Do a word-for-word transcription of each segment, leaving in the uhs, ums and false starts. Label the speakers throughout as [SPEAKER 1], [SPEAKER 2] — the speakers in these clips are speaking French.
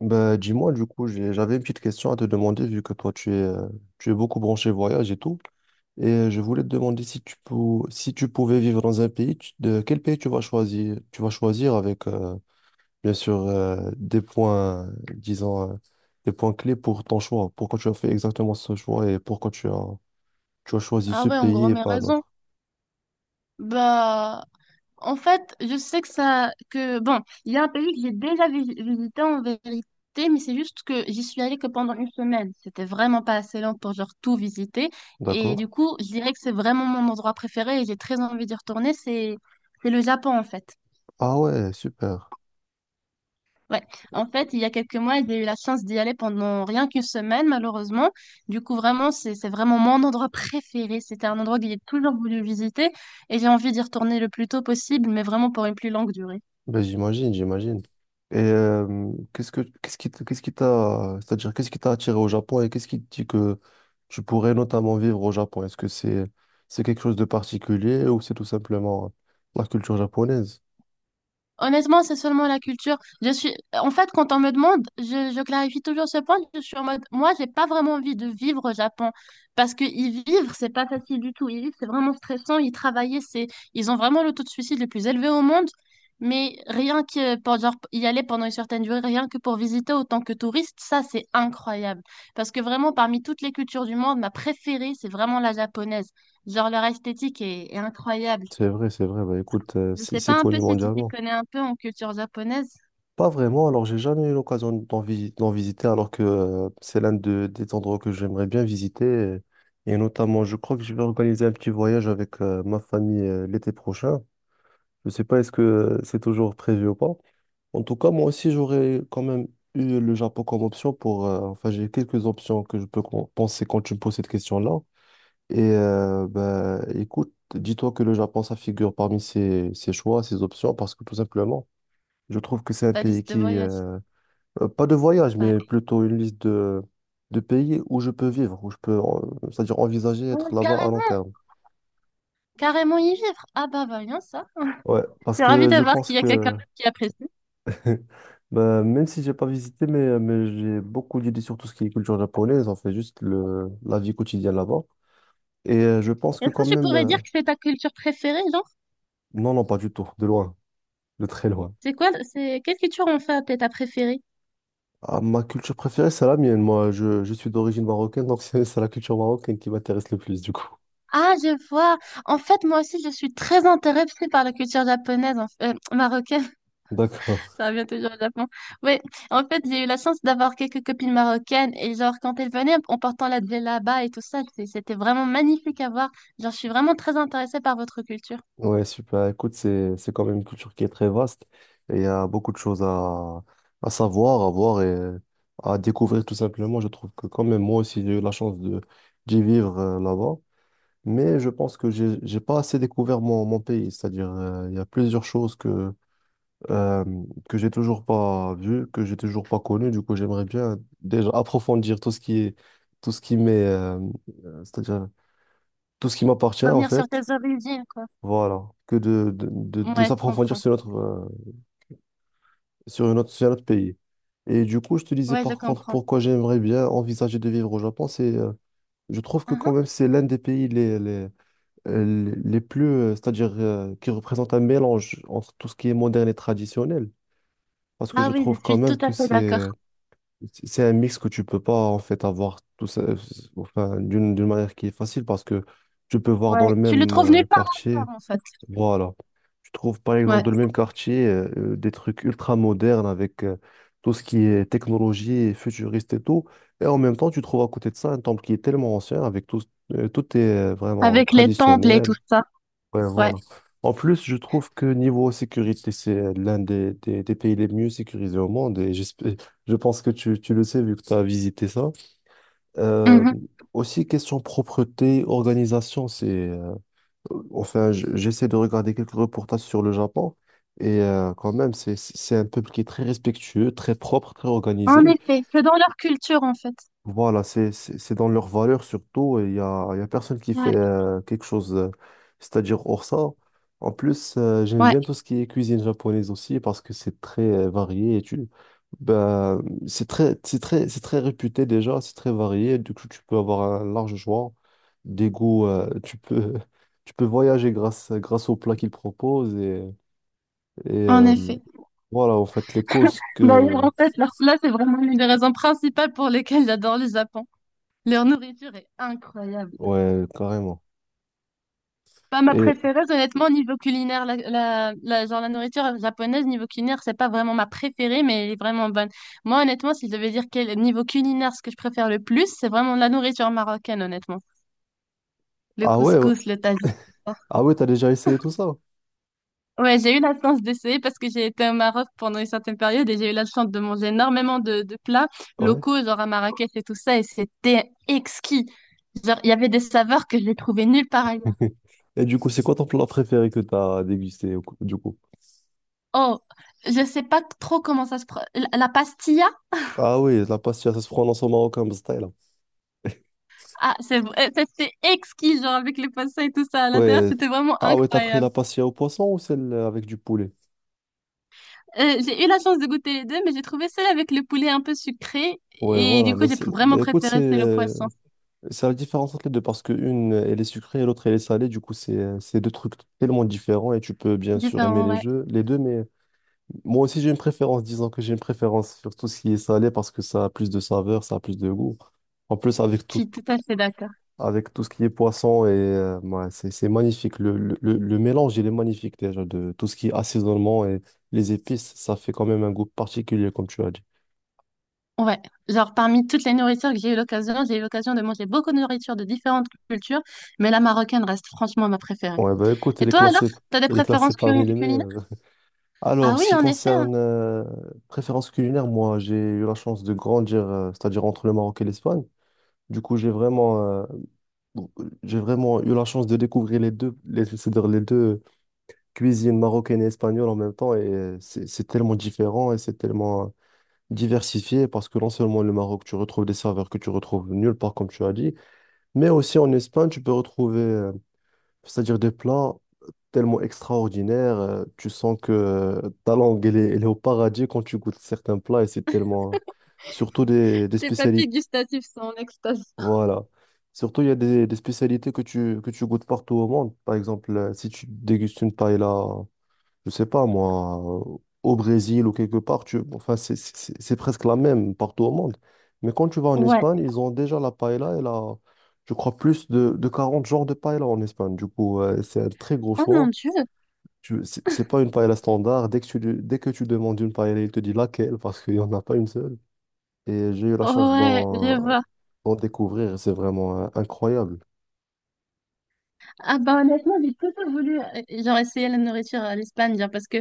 [SPEAKER 1] Bah, dis-moi, du coup, j'ai- j'avais une petite question à te demander, vu que toi, tu es, euh, tu es beaucoup branché voyage et tout. Et euh, je voulais te demander si tu, pou- si tu pouvais vivre dans un pays, tu- de quel pays tu vas choisir? Tu vas choisir avec, euh, bien sûr, euh, des points, euh, disons, euh, des points clés pour ton choix. Pourquoi tu as fait exactement ce choix et pourquoi tu as, tu as choisi
[SPEAKER 2] Ah
[SPEAKER 1] ce
[SPEAKER 2] ouais, en gros,
[SPEAKER 1] pays et
[SPEAKER 2] mais
[SPEAKER 1] pas un
[SPEAKER 2] raison.
[SPEAKER 1] autre.
[SPEAKER 2] Bah, en fait, je sais que ça, que bon, il y a un pays que j'ai déjà vi- visité en vérité, mais c'est juste que j'y suis allée que pendant une semaine. C'était vraiment pas assez long pour genre tout visiter. Et
[SPEAKER 1] D'accord?
[SPEAKER 2] du coup, je dirais que c'est vraiment mon endroit préféré et j'ai très envie d'y retourner. C'est, c'est le Japon en fait.
[SPEAKER 1] Ah ouais, super.
[SPEAKER 2] Ouais. En fait, il y a quelques mois, j'ai eu la chance d'y aller pendant rien qu'une semaine, malheureusement. Du coup, vraiment, c'est, c'est vraiment mon endroit préféré. C'était un endroit que j'ai toujours voulu visiter et j'ai envie d'y retourner le plus tôt possible, mais vraiment pour une plus longue durée.
[SPEAKER 1] Ben, j'imagine, j'imagine. Et euh, qu'est-ce que qu'est-ce qui t- qu'est-ce qui t'a c'est-à-dire qu'est-ce qui t'a attiré au Japon et qu'est-ce qui te dit que tu pourrais notamment vivre au Japon? Est-ce que c'est c'est quelque chose de particulier ou c'est tout simplement la culture japonaise?
[SPEAKER 2] Honnêtement, c'est seulement la culture. Je suis, en fait, quand on me demande, je, je clarifie toujours ce point. Je suis en mode, moi, j'ai pas vraiment envie de vivre au Japon parce que y vivre, c'est pas facile du tout. Y vivre, c'est vraiment stressant. Y travailler, c'est, ils ont vraiment le taux de suicide le plus élevé au monde. Mais rien que pour genre, y aller pendant une certaine durée, rien que pour visiter autant que touriste, ça, c'est incroyable. Parce que vraiment, parmi toutes les cultures du monde, ma préférée, c'est vraiment la japonaise. Genre, leur esthétique est est incroyable.
[SPEAKER 1] C'est vrai, c'est vrai. Bah, écoute, euh,
[SPEAKER 2] Je
[SPEAKER 1] c'est
[SPEAKER 2] sais
[SPEAKER 1] c'est
[SPEAKER 2] pas un
[SPEAKER 1] connu
[SPEAKER 2] peu si tu t'y
[SPEAKER 1] mondialement.
[SPEAKER 2] connais un peu en culture japonaise,
[SPEAKER 1] Pas vraiment. Alors, j'ai jamais eu l'occasion d'en visi- d'en visiter, alors que euh, c'est l'un de- des endroits que j'aimerais bien visiter. Et, et notamment, je crois que je vais organiser un petit voyage avec euh, ma famille euh, l'été prochain. Je sais pas est-ce que euh, c'est toujours prévu ou pas. En tout cas, moi aussi, j'aurais quand même eu le Japon comme option pour... euh, enfin, j'ai quelques options que je peux con- penser quand tu me poses cette question-là. Et euh, ben, écoute, dis-toi que le Japon, ça figure parmi ses, ses choix, ses options, parce que tout simplement, je trouve que c'est un
[SPEAKER 2] ta
[SPEAKER 1] pays
[SPEAKER 2] liste de
[SPEAKER 1] qui...
[SPEAKER 2] voyage.
[SPEAKER 1] euh, euh, pas de voyage,
[SPEAKER 2] Ouais.
[SPEAKER 1] mais plutôt une liste de, de pays où je peux vivre, où je peux, euh, c'est-à-dire envisager
[SPEAKER 2] Ah,
[SPEAKER 1] être là-bas à long
[SPEAKER 2] carrément,
[SPEAKER 1] terme.
[SPEAKER 2] carrément y vivre. Ah bah bah, voyons ça. Je
[SPEAKER 1] Ouais, parce
[SPEAKER 2] suis ravie
[SPEAKER 1] que
[SPEAKER 2] de
[SPEAKER 1] je
[SPEAKER 2] voir
[SPEAKER 1] pense
[SPEAKER 2] qu'il y a quelqu'un
[SPEAKER 1] que...
[SPEAKER 2] d'autre qui apprécie.
[SPEAKER 1] Bah, même si j'ai pas visité, mais, euh, mais j'ai beaucoup d'idées sur tout ce qui est culture japonaise, en fait, juste le, la vie quotidienne là-bas. Et euh, je pense que
[SPEAKER 2] Est-ce que
[SPEAKER 1] quand
[SPEAKER 2] tu
[SPEAKER 1] même,
[SPEAKER 2] pourrais
[SPEAKER 1] euh,
[SPEAKER 2] dire que c'est ta culture préférée, genre?
[SPEAKER 1] non, non, pas du tout, de loin, de très loin.
[SPEAKER 2] C'est quoi, c'est quelle culture en fait est ta préférée?
[SPEAKER 1] Ah, ma culture préférée, c'est la mienne. Moi, je, je suis d'origine marocaine, donc c'est c'est la culture marocaine qui m'intéresse le plus, du coup.
[SPEAKER 2] Ah, je vois. En fait, moi aussi, je suis très intéressée par la culture japonaise, en f- euh, marocaine.
[SPEAKER 1] D'accord.
[SPEAKER 2] Ça revient toujours au Japon. Oui, en fait, j'ai eu la chance d'avoir quelques copines marocaines et genre quand elles venaient en portant la djellaba et tout ça, c'est- c'était vraiment magnifique à voir. Genre, je suis vraiment très intéressée par votre culture.
[SPEAKER 1] Ouais, super. Écoute, c'est, c'est quand même une culture qui est très vaste et il y a beaucoup de choses à, à savoir, à voir et à découvrir tout simplement. Je trouve que quand même, moi aussi, j'ai eu la chance de, d'y vivre euh, là-bas, mais je pense que j'ai, j'ai pas assez découvert mon, mon pays. C'est-à-dire, euh, il y a plusieurs choses que, euh, que j'ai toujours pas vues, que j'ai toujours pas connues. Du coup, j'aimerais bien déjà approfondir tout ce qui est, tout ce qui m'est, euh, euh, c'est-à-dire tout ce qui m'appartient en
[SPEAKER 2] Revenir sur tes
[SPEAKER 1] fait.
[SPEAKER 2] origines, quoi.
[SPEAKER 1] Voilà, que de, de, de- de
[SPEAKER 2] Ouais, je
[SPEAKER 1] s'approfondir
[SPEAKER 2] comprends.
[SPEAKER 1] sur notre, euh, sur une autre, sur un autre pays. Et du coup, je te disais
[SPEAKER 2] Ouais, je
[SPEAKER 1] par contre
[SPEAKER 2] comprends.
[SPEAKER 1] pourquoi j'aimerais bien envisager de vivre au Japon, c'est, euh, je trouve que quand
[SPEAKER 2] Uhum.
[SPEAKER 1] même c'est l'un des pays les, les, euh, les plus, euh, c'est-à-dire euh, qui représente un mélange entre tout ce qui est moderne et traditionnel, parce que
[SPEAKER 2] Ah
[SPEAKER 1] je
[SPEAKER 2] oui, je
[SPEAKER 1] trouve quand
[SPEAKER 2] suis tout
[SPEAKER 1] même
[SPEAKER 2] à
[SPEAKER 1] que
[SPEAKER 2] fait
[SPEAKER 1] c'est,
[SPEAKER 2] d'accord.
[SPEAKER 1] c'est un mix que tu peux pas en fait avoir tout ça, euh, enfin, d'une, d'une manière qui est facile, parce que tu peux voir dans
[SPEAKER 2] Ouais,
[SPEAKER 1] le
[SPEAKER 2] tu le
[SPEAKER 1] même
[SPEAKER 2] trouves
[SPEAKER 1] euh,
[SPEAKER 2] nulle part
[SPEAKER 1] quartier.
[SPEAKER 2] ailleurs, en fait.
[SPEAKER 1] Voilà. Tu trouves par exemple
[SPEAKER 2] Ouais,
[SPEAKER 1] dans le même quartier euh, euh, des trucs ultra modernes avec euh, tout ce qui est technologie et futuriste et tout. Et en même temps, tu trouves à côté de ça un temple qui est tellement ancien avec tout, euh, tout est euh, vraiment
[SPEAKER 2] avec les temples et
[SPEAKER 1] traditionnel.
[SPEAKER 2] tout ça.
[SPEAKER 1] Ouais,
[SPEAKER 2] Ouais.
[SPEAKER 1] voilà. En plus, je trouve que niveau sécurité, c'est euh, l'un des, des- des pays les mieux sécurisés au monde et j'espère- je pense que tu, tu le sais vu que tu as visité ça. Euh,
[SPEAKER 2] Mhm.
[SPEAKER 1] aussi, question propreté, organisation, c'est... euh, enfin, je- j'essaie de regarder quelques reportages sur le Japon et euh, quand même, c'est, c'est un peuple qui est très respectueux, très propre, très
[SPEAKER 2] En
[SPEAKER 1] organisé.
[SPEAKER 2] effet, c'est dans leur culture, en fait.
[SPEAKER 1] Voilà, c'est c'est- c'est dans leur valeur surtout. Il y a, il y a personne qui
[SPEAKER 2] Ouais,
[SPEAKER 1] fait euh, quelque chose, euh, c'est-à-dire hors ça. En plus, euh, j'aime
[SPEAKER 2] ouais,
[SPEAKER 1] bien tout ce qui est cuisine japonaise aussi parce que c'est très euh, varié et tu, bah, c'est très, c'est très, c'est très réputé déjà, c'est très varié. Du coup, tu peux avoir un large choix des goûts. euh, tu peux, tu peux voyager grâce, grâce aux plats qu'ils proposent et, et
[SPEAKER 2] en
[SPEAKER 1] euh,
[SPEAKER 2] effet.
[SPEAKER 1] voilà, en fait, les causes
[SPEAKER 2] D'ailleurs,
[SPEAKER 1] que,
[SPEAKER 2] en fait, leur plat, c'est vraiment l'une des raisons principales pour lesquelles j'adore le Japon. Leur nourriture est incroyable.
[SPEAKER 1] ouais, carrément.
[SPEAKER 2] Pas ma
[SPEAKER 1] Et
[SPEAKER 2] préférée, honnêtement, niveau culinaire. La, la, la- genre, la nourriture japonaise, niveau culinaire, c'est pas vraiment ma préférée, mais elle est vraiment bonne. Moi, honnêtement, si je devais dire quel niveau culinaire, ce que je préfère le plus, c'est vraiment la nourriture marocaine, honnêtement. Le
[SPEAKER 1] ah ouais. Ouais.
[SPEAKER 2] couscous, le tagine.
[SPEAKER 1] Ah ouais, t'as déjà essayé tout ça?
[SPEAKER 2] Ouais, j'ai eu la chance d'essayer parce que j'ai été au Maroc pendant une certaine période et j'ai eu la chance de manger énormément de, de plats
[SPEAKER 1] Ouais.
[SPEAKER 2] locaux, genre à Marrakech et tout ça, et c'était exquis. Genre, il y avait des saveurs que j'ai trouvées nulle part ailleurs.
[SPEAKER 1] Et du coup, c'est quoi ton plat préféré que t'as dégusté au cou- du coup?
[SPEAKER 2] Oh, je sais pas trop comment ça se... pro- La, la pastilla,
[SPEAKER 1] Ah oui, la pastilla, ça se prononce au marocain, style.
[SPEAKER 2] ah, c'est vrai, c'était exquis, genre avec les poissons et tout ça à l'intérieur,
[SPEAKER 1] Ouais.
[SPEAKER 2] c'était vraiment
[SPEAKER 1] Ah ouais, t'as pris
[SPEAKER 2] incroyable.
[SPEAKER 1] la pastilla au poisson ou celle avec du poulet?
[SPEAKER 2] Euh, j'ai eu la chance de goûter les deux, mais j'ai trouvé celle avec le poulet un peu sucré,
[SPEAKER 1] Ouais,
[SPEAKER 2] et
[SPEAKER 1] voilà.
[SPEAKER 2] du coup,
[SPEAKER 1] Bah
[SPEAKER 2] j'ai
[SPEAKER 1] c'est- bah
[SPEAKER 2] vraiment
[SPEAKER 1] écoute, c'est
[SPEAKER 2] préféré celle au
[SPEAKER 1] euh,
[SPEAKER 2] poisson.
[SPEAKER 1] c'est la différence entre les deux parce que une elle est sucrée et l'autre, elle est salée. Du coup, c'est euh, c'est deux trucs tellement différents et tu peux bien sûr aimer
[SPEAKER 2] Différent,
[SPEAKER 1] les
[SPEAKER 2] ouais.
[SPEAKER 1] jeux, les deux. Mais moi aussi, j'ai une préférence. Disons que j'ai une préférence sur tout ce qui est salé parce que ça a plus de saveur, ça a plus de goût. En plus, avec
[SPEAKER 2] Je suis tout à fait d'accord.
[SPEAKER 1] avec tout ce qui est poisson et euh, ouais, c'est c'est magnifique. Le, le, le- le mélange, il est magnifique déjà de tout ce qui est assaisonnement et les épices, ça fait quand même un goût particulier, comme tu as dit.
[SPEAKER 2] Ouais, genre parmi toutes les nourritures que j'ai eu l'occasion, j'ai eu l'occasion de manger beaucoup de nourritures de différentes cultures, mais la marocaine reste franchement ma préférée.
[SPEAKER 1] Ouais, bah écoute,
[SPEAKER 2] Et
[SPEAKER 1] il est
[SPEAKER 2] toi alors,
[SPEAKER 1] classé,
[SPEAKER 2] t'as des
[SPEAKER 1] il est classé
[SPEAKER 2] préférences
[SPEAKER 1] parmi
[SPEAKER 2] culi-
[SPEAKER 1] les
[SPEAKER 2] culinaires?
[SPEAKER 1] meilleurs.
[SPEAKER 2] Ah
[SPEAKER 1] Alors,
[SPEAKER 2] oui,
[SPEAKER 1] ce qui
[SPEAKER 2] en effet, hein,
[SPEAKER 1] concerne euh, préférence culinaire, moi, j'ai eu la chance de grandir, euh, c'est-à-dire entre le Maroc et l'Espagne. Du coup, j'ai vraiment, euh, j'ai vraiment eu la chance de découvrir les deux, les, c'est-à-dire les deux cuisines marocaines et espagnole en même temps, et euh, c'est c'est tellement différent et c'est tellement diversifié parce que non seulement le Maroc, tu retrouves des saveurs que tu retrouves nulle part, comme tu as dit, mais aussi en Espagne, tu peux retrouver, euh, c'est-à-dire des plats tellement extraordinaires. euh, tu sens que euh, ta langue, elle est, elle est au paradis quand tu goûtes certains plats et c'est tellement. Surtout des, des
[SPEAKER 2] tes papilles
[SPEAKER 1] spécialités.
[SPEAKER 2] gustatives sont en extase.
[SPEAKER 1] Voilà. Surtout, il y a des, des spécialités que tu, que tu goûtes partout au monde. Par exemple, euh, si tu dégustes une paella je sais pas moi, euh, au Brésil ou quelque part, tu, enfin, c'est c'est- c'est- c'est presque la même partout au monde. Mais quand tu vas en
[SPEAKER 2] Ouais.
[SPEAKER 1] Espagne, ils ont déjà la paella et la, je crois, plus de, de quarante genres de paella en Espagne. Du coup, euh, c'est un très gros
[SPEAKER 2] Oh mon
[SPEAKER 1] choix.
[SPEAKER 2] Dieu.
[SPEAKER 1] Tu, c'est c'est pas une paella standard. Dès que tu, lui- dès que tu demandes une paella, il te dit laquelle parce qu'il n'y en a pas une seule. Et j'ai eu la chance
[SPEAKER 2] Ouais,
[SPEAKER 1] d'en
[SPEAKER 2] je vois.
[SPEAKER 1] d'en découvrir. C'est vraiment euh, incroyable.
[SPEAKER 2] Ah bah honnêtement, j'ai plutôt voulu euh, genre essayer la nourriture à l'Espagne, genre parce que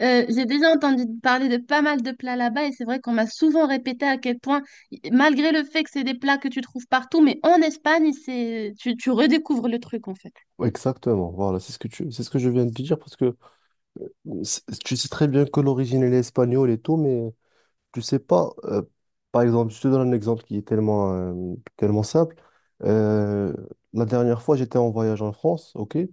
[SPEAKER 2] euh, j'ai déjà entendu parler de pas mal de plats là-bas et c'est vrai qu'on m'a souvent répété à quel point, malgré le fait que c'est des plats que tu trouves partout, mais en Espagne, c'est tu, tu redécouvres le truc en fait.
[SPEAKER 1] Exactement, voilà, c'est ce que tu, c'est ce que je viens de te dire parce que c'est- tu sais très bien que l'origine elle est espagnole et tout, mais tu sais pas, euh, par exemple, je te donne un exemple qui est tellement, euh, tellement simple. Euh, la dernière fois, j'étais en voyage en France, ok? Et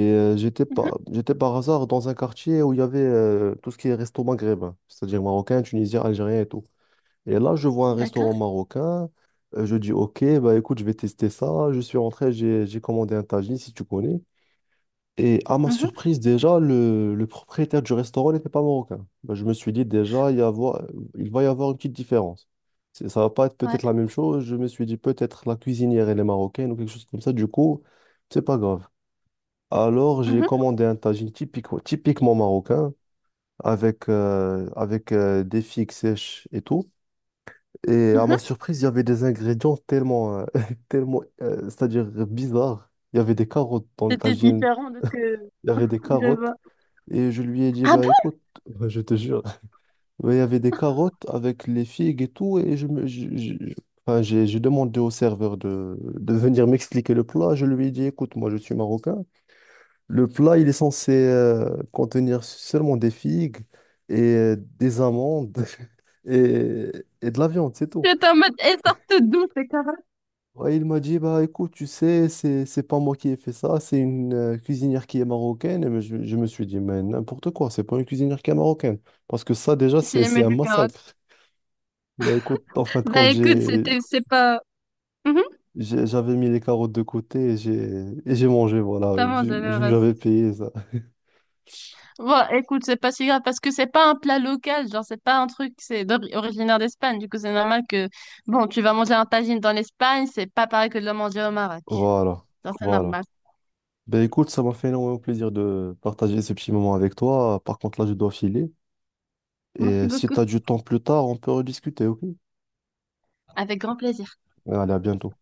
[SPEAKER 1] euh, j'étais
[SPEAKER 2] Mhm.
[SPEAKER 1] par, j'étais par hasard dans un quartier où il y avait euh, tout ce qui est resto maghrébin, c'est-à-dire marocain, tunisien, algérien et tout. Et là, je vois un restaurant
[SPEAKER 2] D'accord.
[SPEAKER 1] marocain. euh, je dis, OK, bah écoute, je vais tester ça. Je suis rentré, j'ai, j'ai commandé un tagine, si tu connais. Et à ma
[SPEAKER 2] Mhm.
[SPEAKER 1] surprise, déjà, le, le propriétaire du restaurant n'était pas marocain. Bah, je me suis dit, déjà, il, y avoir- il va y avoir une petite différence. C'est- Ça va pas être
[SPEAKER 2] Ouais.
[SPEAKER 1] peut-être la même chose. Je me suis dit, peut-être la cuisinière, elle est marocaine ou quelque chose comme ça. Du coup, c'est pas grave. Alors, j'ai
[SPEAKER 2] Mhm.
[SPEAKER 1] commandé un tagine typique, typiquement marocain, avec, euh, avec euh, des figues sèches et tout. Et à ma
[SPEAKER 2] Mhm.
[SPEAKER 1] surprise, il y avait des ingrédients tellement, euh, tellement euh, c'est-à-dire bizarres. Il y avait des carottes dans le
[SPEAKER 2] C'était
[SPEAKER 1] tagine,
[SPEAKER 2] différent de ce que
[SPEAKER 1] il y avait des
[SPEAKER 2] je
[SPEAKER 1] carottes.
[SPEAKER 2] vois.
[SPEAKER 1] Et je lui ai dit,
[SPEAKER 2] Ah
[SPEAKER 1] bah
[SPEAKER 2] bon?
[SPEAKER 1] écoute, je te jure, ouais, il y avait des carottes avec les figues et tout. Et je me, je- je- je- enfin, j'ai j'ai demandé au serveur de, de venir m'expliquer le plat. Je lui ai dit, écoute, moi je suis marocain. Le plat, il est censé euh, contenir seulement des figues et euh, des amandes et, et de la viande, c'est tout.
[SPEAKER 2] J'étais en mode, elles sortent d'où ces carottes?
[SPEAKER 1] Ouais, il m'a dit, bah écoute, tu sais, c'est, c'est pas moi qui ai fait ça, c'est une euh, cuisinière qui est marocaine. Et mais je, je me suis dit, mais n'importe quoi, c'est pas une cuisinière qui est marocaine. Parce que ça, déjà,
[SPEAKER 2] Si
[SPEAKER 1] c'est, c'est
[SPEAKER 2] j'aimais
[SPEAKER 1] un
[SPEAKER 2] du carottes.
[SPEAKER 1] massacre. Bah écoute, en fin de
[SPEAKER 2] Bah
[SPEAKER 1] compte,
[SPEAKER 2] écoute,
[SPEAKER 1] j'ai,
[SPEAKER 2] c'était, c'est pas. Mhm.
[SPEAKER 1] j'ai- j'avais mis les carottes de côté et j'ai, et j'ai mangé, voilà,
[SPEAKER 2] Totalement
[SPEAKER 1] vu, vu que
[SPEAKER 2] généreuse.
[SPEAKER 1] j'avais payé ça.
[SPEAKER 2] Bon, écoute, c'est pas si grave parce que c'est pas un plat local, genre c'est pas un truc, c'est d'ori- originaire d'Espagne. Du coup, c'est normal que, bon, tu vas manger un tagine dans l'Espagne, c'est pas pareil que de le manger au Maroc.
[SPEAKER 1] Voilà,
[SPEAKER 2] Genre, c'est
[SPEAKER 1] voilà.
[SPEAKER 2] normal.
[SPEAKER 1] Ben écoute, ça m'a fait énormément plaisir de partager ce petit moment avec toi. Par contre, là, je dois filer.
[SPEAKER 2] Merci
[SPEAKER 1] Et si tu
[SPEAKER 2] beaucoup.
[SPEAKER 1] as du temps plus tard, on peut rediscuter, ok?
[SPEAKER 2] Avec grand plaisir.
[SPEAKER 1] Allez, à bientôt.